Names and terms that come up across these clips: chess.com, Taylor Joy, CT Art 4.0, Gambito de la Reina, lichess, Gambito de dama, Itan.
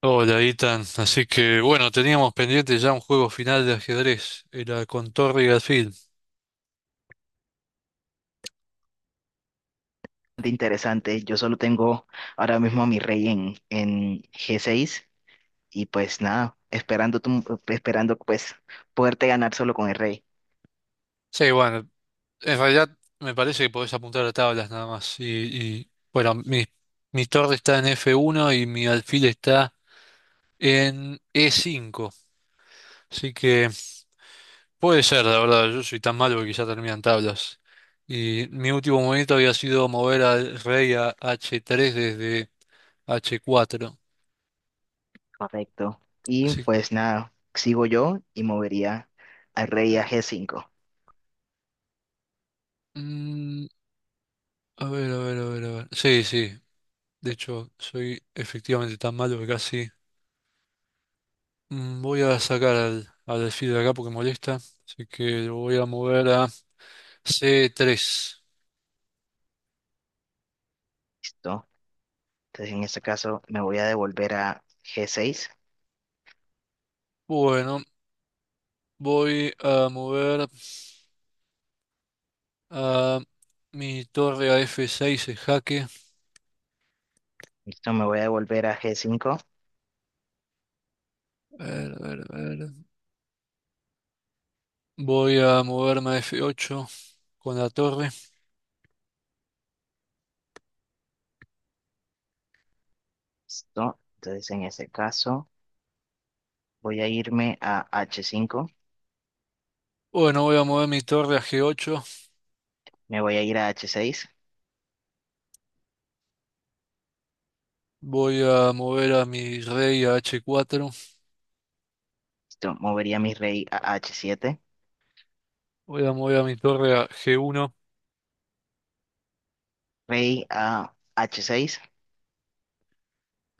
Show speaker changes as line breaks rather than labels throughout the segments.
Hola, Itan. Así que bueno, teníamos pendiente ya un juego final de ajedrez, era con Torre y Alfil.
Interesante. Yo solo tengo ahora mismo a mi rey en G6 y pues nada, esperando, esperando pues poderte ganar solo con el rey.
Sí, bueno, en realidad me parece que podés apuntar a tablas nada más. Y, bueno, mi torre está en F1 y mi alfil está en E5. Así que puede ser, la verdad, yo soy tan malo que quizá terminan tablas. Y mi último movimiento había sido mover al rey a H3 desde H4.
Correcto. Y
Así,
pues nada, sigo yo y movería al rey a
ah,
G5.
mm, A ver, a ver, a ver, a ver. Sí, sí. De hecho, soy efectivamente tan malo que casi. Voy a sacar al alfil de acá porque molesta. Así que lo voy a mover a C3.
¿Listo? Entonces en este caso me voy a devolver a G6.
Bueno, voy a mover a mi torre a F6 en jaque.
¿Listo? Me voy a devolver a G5.
A ver, a ver, a ver. Voy a moverme a F8 con la torre.
¿Listo? Entonces en ese caso voy a irme a H5.
Bueno, voy a mover mi torre a G8.
Me voy a ir a H6.
Voy a mover a mi rey a H4.
¿Listo? Movería a mi rey a H7.
Voy a mover a mi torre a G1.
Rey a H6,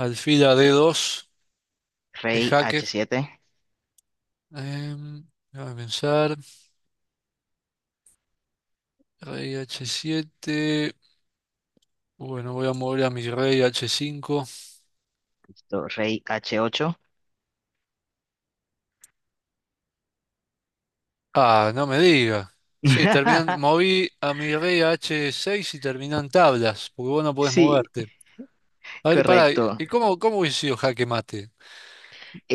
Alfila D2 es
Rey
jaque.
H7,
Em, Déjame pensar. Rey H7. Bueno, voy a mover a mi rey H5.
listo, Rey H8.
Ah, no me diga. Sí, terminan, moví a mi rey a H6 y terminan tablas, porque vos no podés
Sí,
moverte. A ver, pará,
correcto.
¿y cómo hubiese sido jaque mate?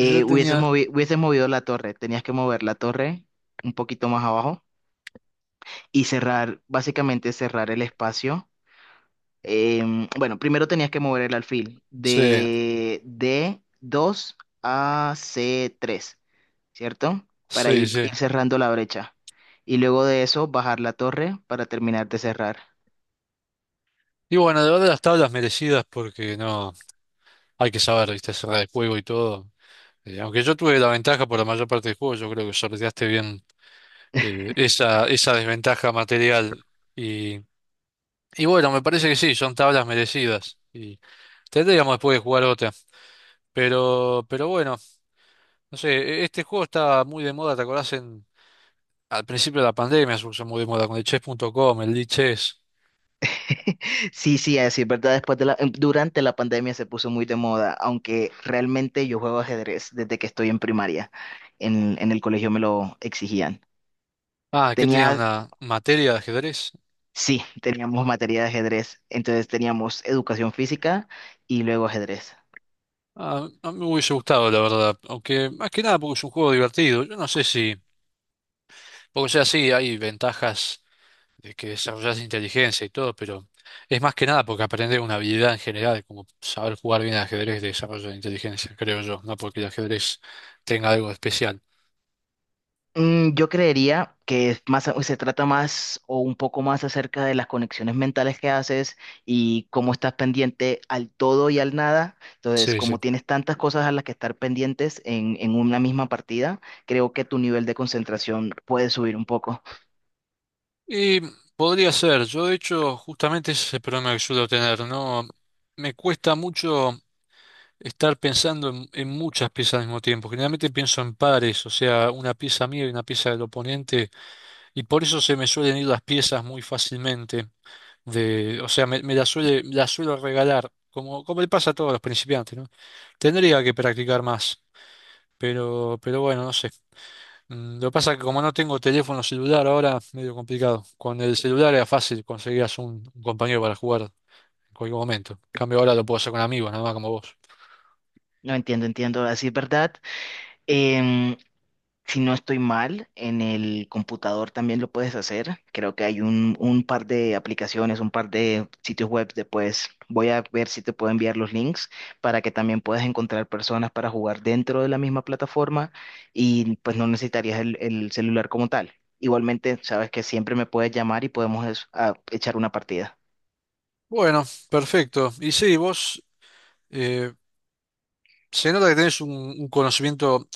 Yo
Hubieses
tenía.
hubieses movido la torre, tenías que mover la torre un poquito más abajo y cerrar, básicamente cerrar el espacio. Bueno, primero tenías que mover el alfil
Sí,
de D2 a C3, ¿cierto? Para
sí, sí.
ir cerrando la brecha. Y luego de eso, bajar la torre para terminar de cerrar.
Y bueno, de verdad las tablas merecidas porque no. Hay que saber, viste, cerrar el juego y todo. Aunque yo tuve la ventaja por la mayor parte del juego, yo creo que sorteaste bien. Esa desventaja material. Y, y bueno, me parece que sí, son tablas merecidas. Y tendríamos después de jugar otra. Pero bueno, no sé, este juego estaba muy de moda, ¿te acordás? Al principio de la pandemia se puso muy de moda con el chess.com, el lichess.
Sí, sí, así es verdad. Después de la, durante la pandemia se puso muy de moda, aunque realmente yo juego ajedrez desde que estoy en primaria. En el colegio me lo exigían.
Ah, que tenía
Tenía,
una materia de ajedrez.
sí, teníamos materia de ajedrez, entonces teníamos educación física y luego ajedrez.
Ah, a mí me hubiese gustado, la verdad. Aunque más que nada porque es un juego divertido. Yo no sé si, porque o sea, sí, hay ventajas de que desarrollas inteligencia y todo, pero es más que nada porque aprendes una habilidad en general, como saber jugar bien al ajedrez de desarrollo de inteligencia, creo yo, no porque el ajedrez tenga algo especial.
Mm, yo creería que es más, se trata más o un poco más acerca de las conexiones mentales que haces y cómo estás pendiente al todo y al nada. Entonces,
Sí, sí.
como tienes tantas cosas a las que estar pendientes en una misma partida, creo que tu nivel de concentración puede subir un poco.
Y podría ser, yo de hecho, justamente ese es el problema que suelo tener, ¿no? Me cuesta mucho estar pensando en muchas piezas al mismo tiempo. Generalmente pienso en pares, o sea, una pieza mía y una pieza del oponente, y por eso se me suelen ir las piezas muy fácilmente. O sea, me la suelo regalar, como le pasa a todos los principiantes, ¿no? Tendría que practicar más, pero bueno, no sé. Lo que pasa es que como no tengo teléfono celular ahora, medio complicado. Con el celular era fácil, conseguías un compañero para jugar en cualquier momento. En cambio ahora lo puedo hacer con amigos, nada más como vos.
No entiendo, entiendo, así es verdad. Em, Si no estoy mal, en el computador también lo puedes hacer. Creo que hay un par de aplicaciones, un par de sitios web después. Voy a ver si te puedo enviar los links para que también puedas encontrar personas para jugar dentro de la misma plataforma y pues no necesitarías el celular como tal. Igualmente, sabes que siempre me puedes llamar y podemos echar una partida.
Bueno, perfecto. Y sí, vos eh, se nota que tenés un conocimiento.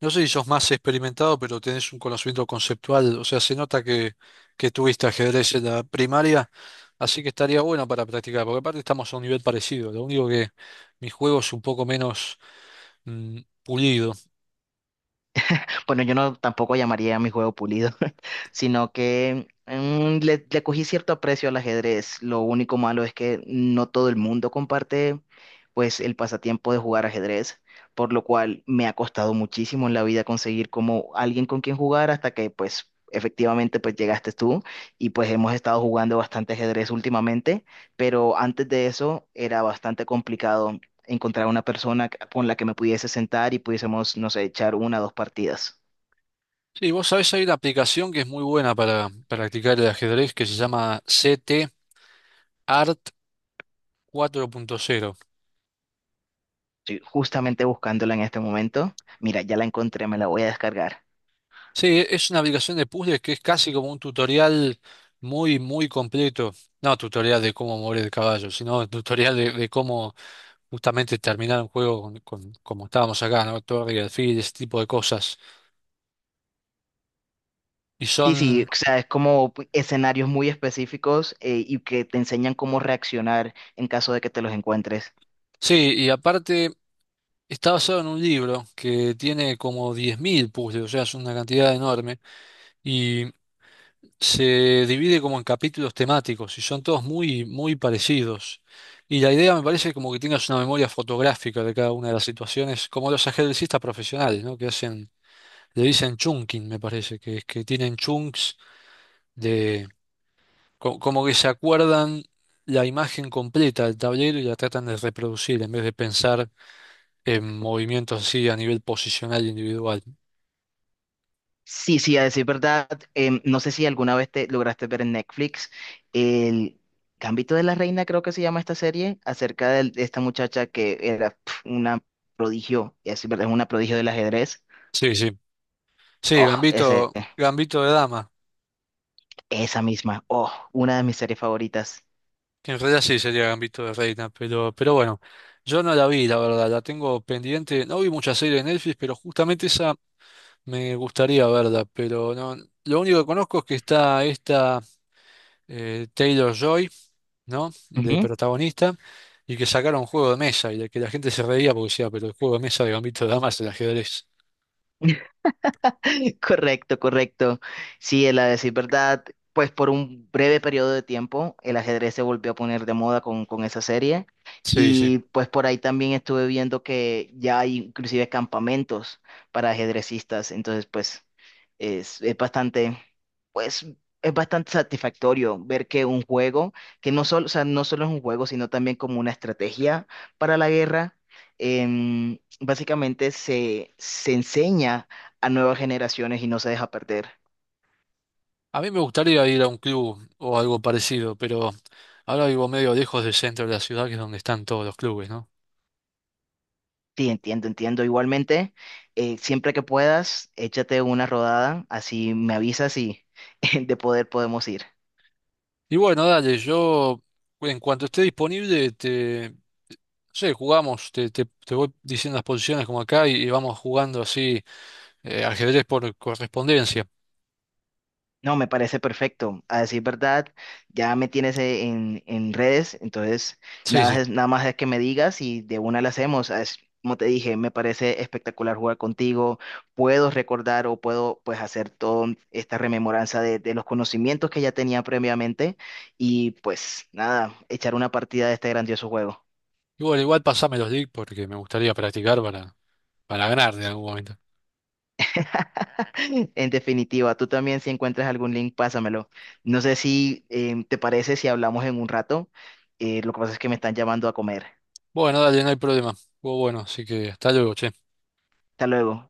No sé si sos más experimentado, pero tenés un conocimiento conceptual, o sea, se nota que tuviste ajedrez en la primaria, así que estaría bueno para practicar, porque aparte estamos a un nivel parecido, lo único que mi juego es un poco menos pulido.
Bueno, yo no tampoco llamaría a mi juego pulido, sino que mm, le cogí cierto aprecio al ajedrez. Lo único malo es que no todo el mundo comparte pues el pasatiempo de jugar ajedrez, por lo cual me ha costado muchísimo en la vida conseguir como alguien con quien jugar hasta que pues efectivamente pues llegaste tú y pues hemos estado jugando bastante ajedrez últimamente, pero antes de eso era bastante complicado encontrar una persona con la que me pudiese sentar y pudiésemos, no sé, echar una o dos partidas.
Sí, vos sabés, hay una aplicación que es muy buena para practicar el ajedrez que se llama CT Art 4.0.
Estoy justamente buscándola en este momento. Mira, ya la encontré, me la voy a descargar.
Sí, es una aplicación de puzzles que es casi como un tutorial muy, muy completo. No tutorial de cómo mover el caballo, sino tutorial de cómo justamente terminar un juego como estábamos acá, ¿no? Torre y alfil, ese tipo de cosas. Y
Sí, sí,
son,
o sea, es como escenarios muy específicos, y que te enseñan cómo reaccionar en caso de que te los encuentres.
sí, y aparte está basado en un libro que tiene como 10.000 puzzles, o sea, es una cantidad enorme, y se divide como en capítulos temáticos, y son todos muy, muy parecidos. Y la idea me parece como que tengas una memoria fotográfica de cada una de las situaciones, como los ajedrecistas profesionales, ¿no? Que hacen, le dicen chunking, me parece, que es que tienen chunks como que se acuerdan la imagen completa del tablero y la tratan de reproducir en vez de pensar en movimientos así a nivel posicional e individual.
Sí, sí, a decir verdad, no sé si alguna vez te lograste ver en Netflix el Gambito de la Reina, creo que se llama esta serie, acerca de esta muchacha que era pf, una prodigio, y a decir verdad, es una prodigio del ajedrez.
Sí, sí. Sí,
Oh, ese.
Gambito de dama,
Esa misma. Oh, una de mis series favoritas.
que en realidad sí sería Gambito de reina, pero bueno, yo no la vi, la verdad, la tengo pendiente. No vi muchas series de Netflix, pero justamente esa me gustaría verla, pero no, lo único que conozco es que está esta Taylor Joy, ¿no? De
Ujú.
protagonista, y que sacaron un juego de mesa, y de que la gente se reía porque decía, pero el juego de mesa de Gambito de Damas, el ajedrez.
Correcto, correcto. Sí, el a decir verdad, pues por un breve periodo de tiempo el ajedrez se volvió a poner de moda con esa serie
Sí, sí.
y pues por ahí también estuve viendo que ya hay inclusive campamentos para ajedrecistas, entonces pues es bastante, pues es bastante satisfactorio ver que un juego, que no solo, o sea, no solo es un juego, sino también como una estrategia para la guerra, em, básicamente se enseña a nuevas generaciones y no se deja perder.
A mí me gustaría ir a un club o algo parecido, pero ahora vivo medio lejos del centro de la ciudad, que es donde están todos los clubes, ¿no?
Sí, entiendo, entiendo. Igualmente, siempre que puedas, échate una rodada, así me avisas y de poder podemos ir.
Y bueno, dale, yo en cuanto esté disponible, no sé, jugamos, te voy diciendo las posiciones como acá y vamos jugando así ajedrez por correspondencia.
No, me parece perfecto. A decir verdad, ya me tienes en redes, entonces
Sí,
nada,
sí.
nada más es que me digas y de una la hacemos. Es- como te dije, me parece espectacular jugar contigo. Puedo recordar o puedo pues hacer toda esta rememoranza de los conocimientos que ya tenía previamente y pues nada, echar una partida de este grandioso juego.
Igual, igual pasame los links porque me gustaría practicar para ganar de algún momento.
En definitiva, tú también si encuentras algún link, pásamelo. No sé si te parece si hablamos en un rato. Lo que pasa es que me están llamando a comer.
Bueno, dale, no hay problema. Estuvo bueno, así que hasta luego, che.
Hasta luego.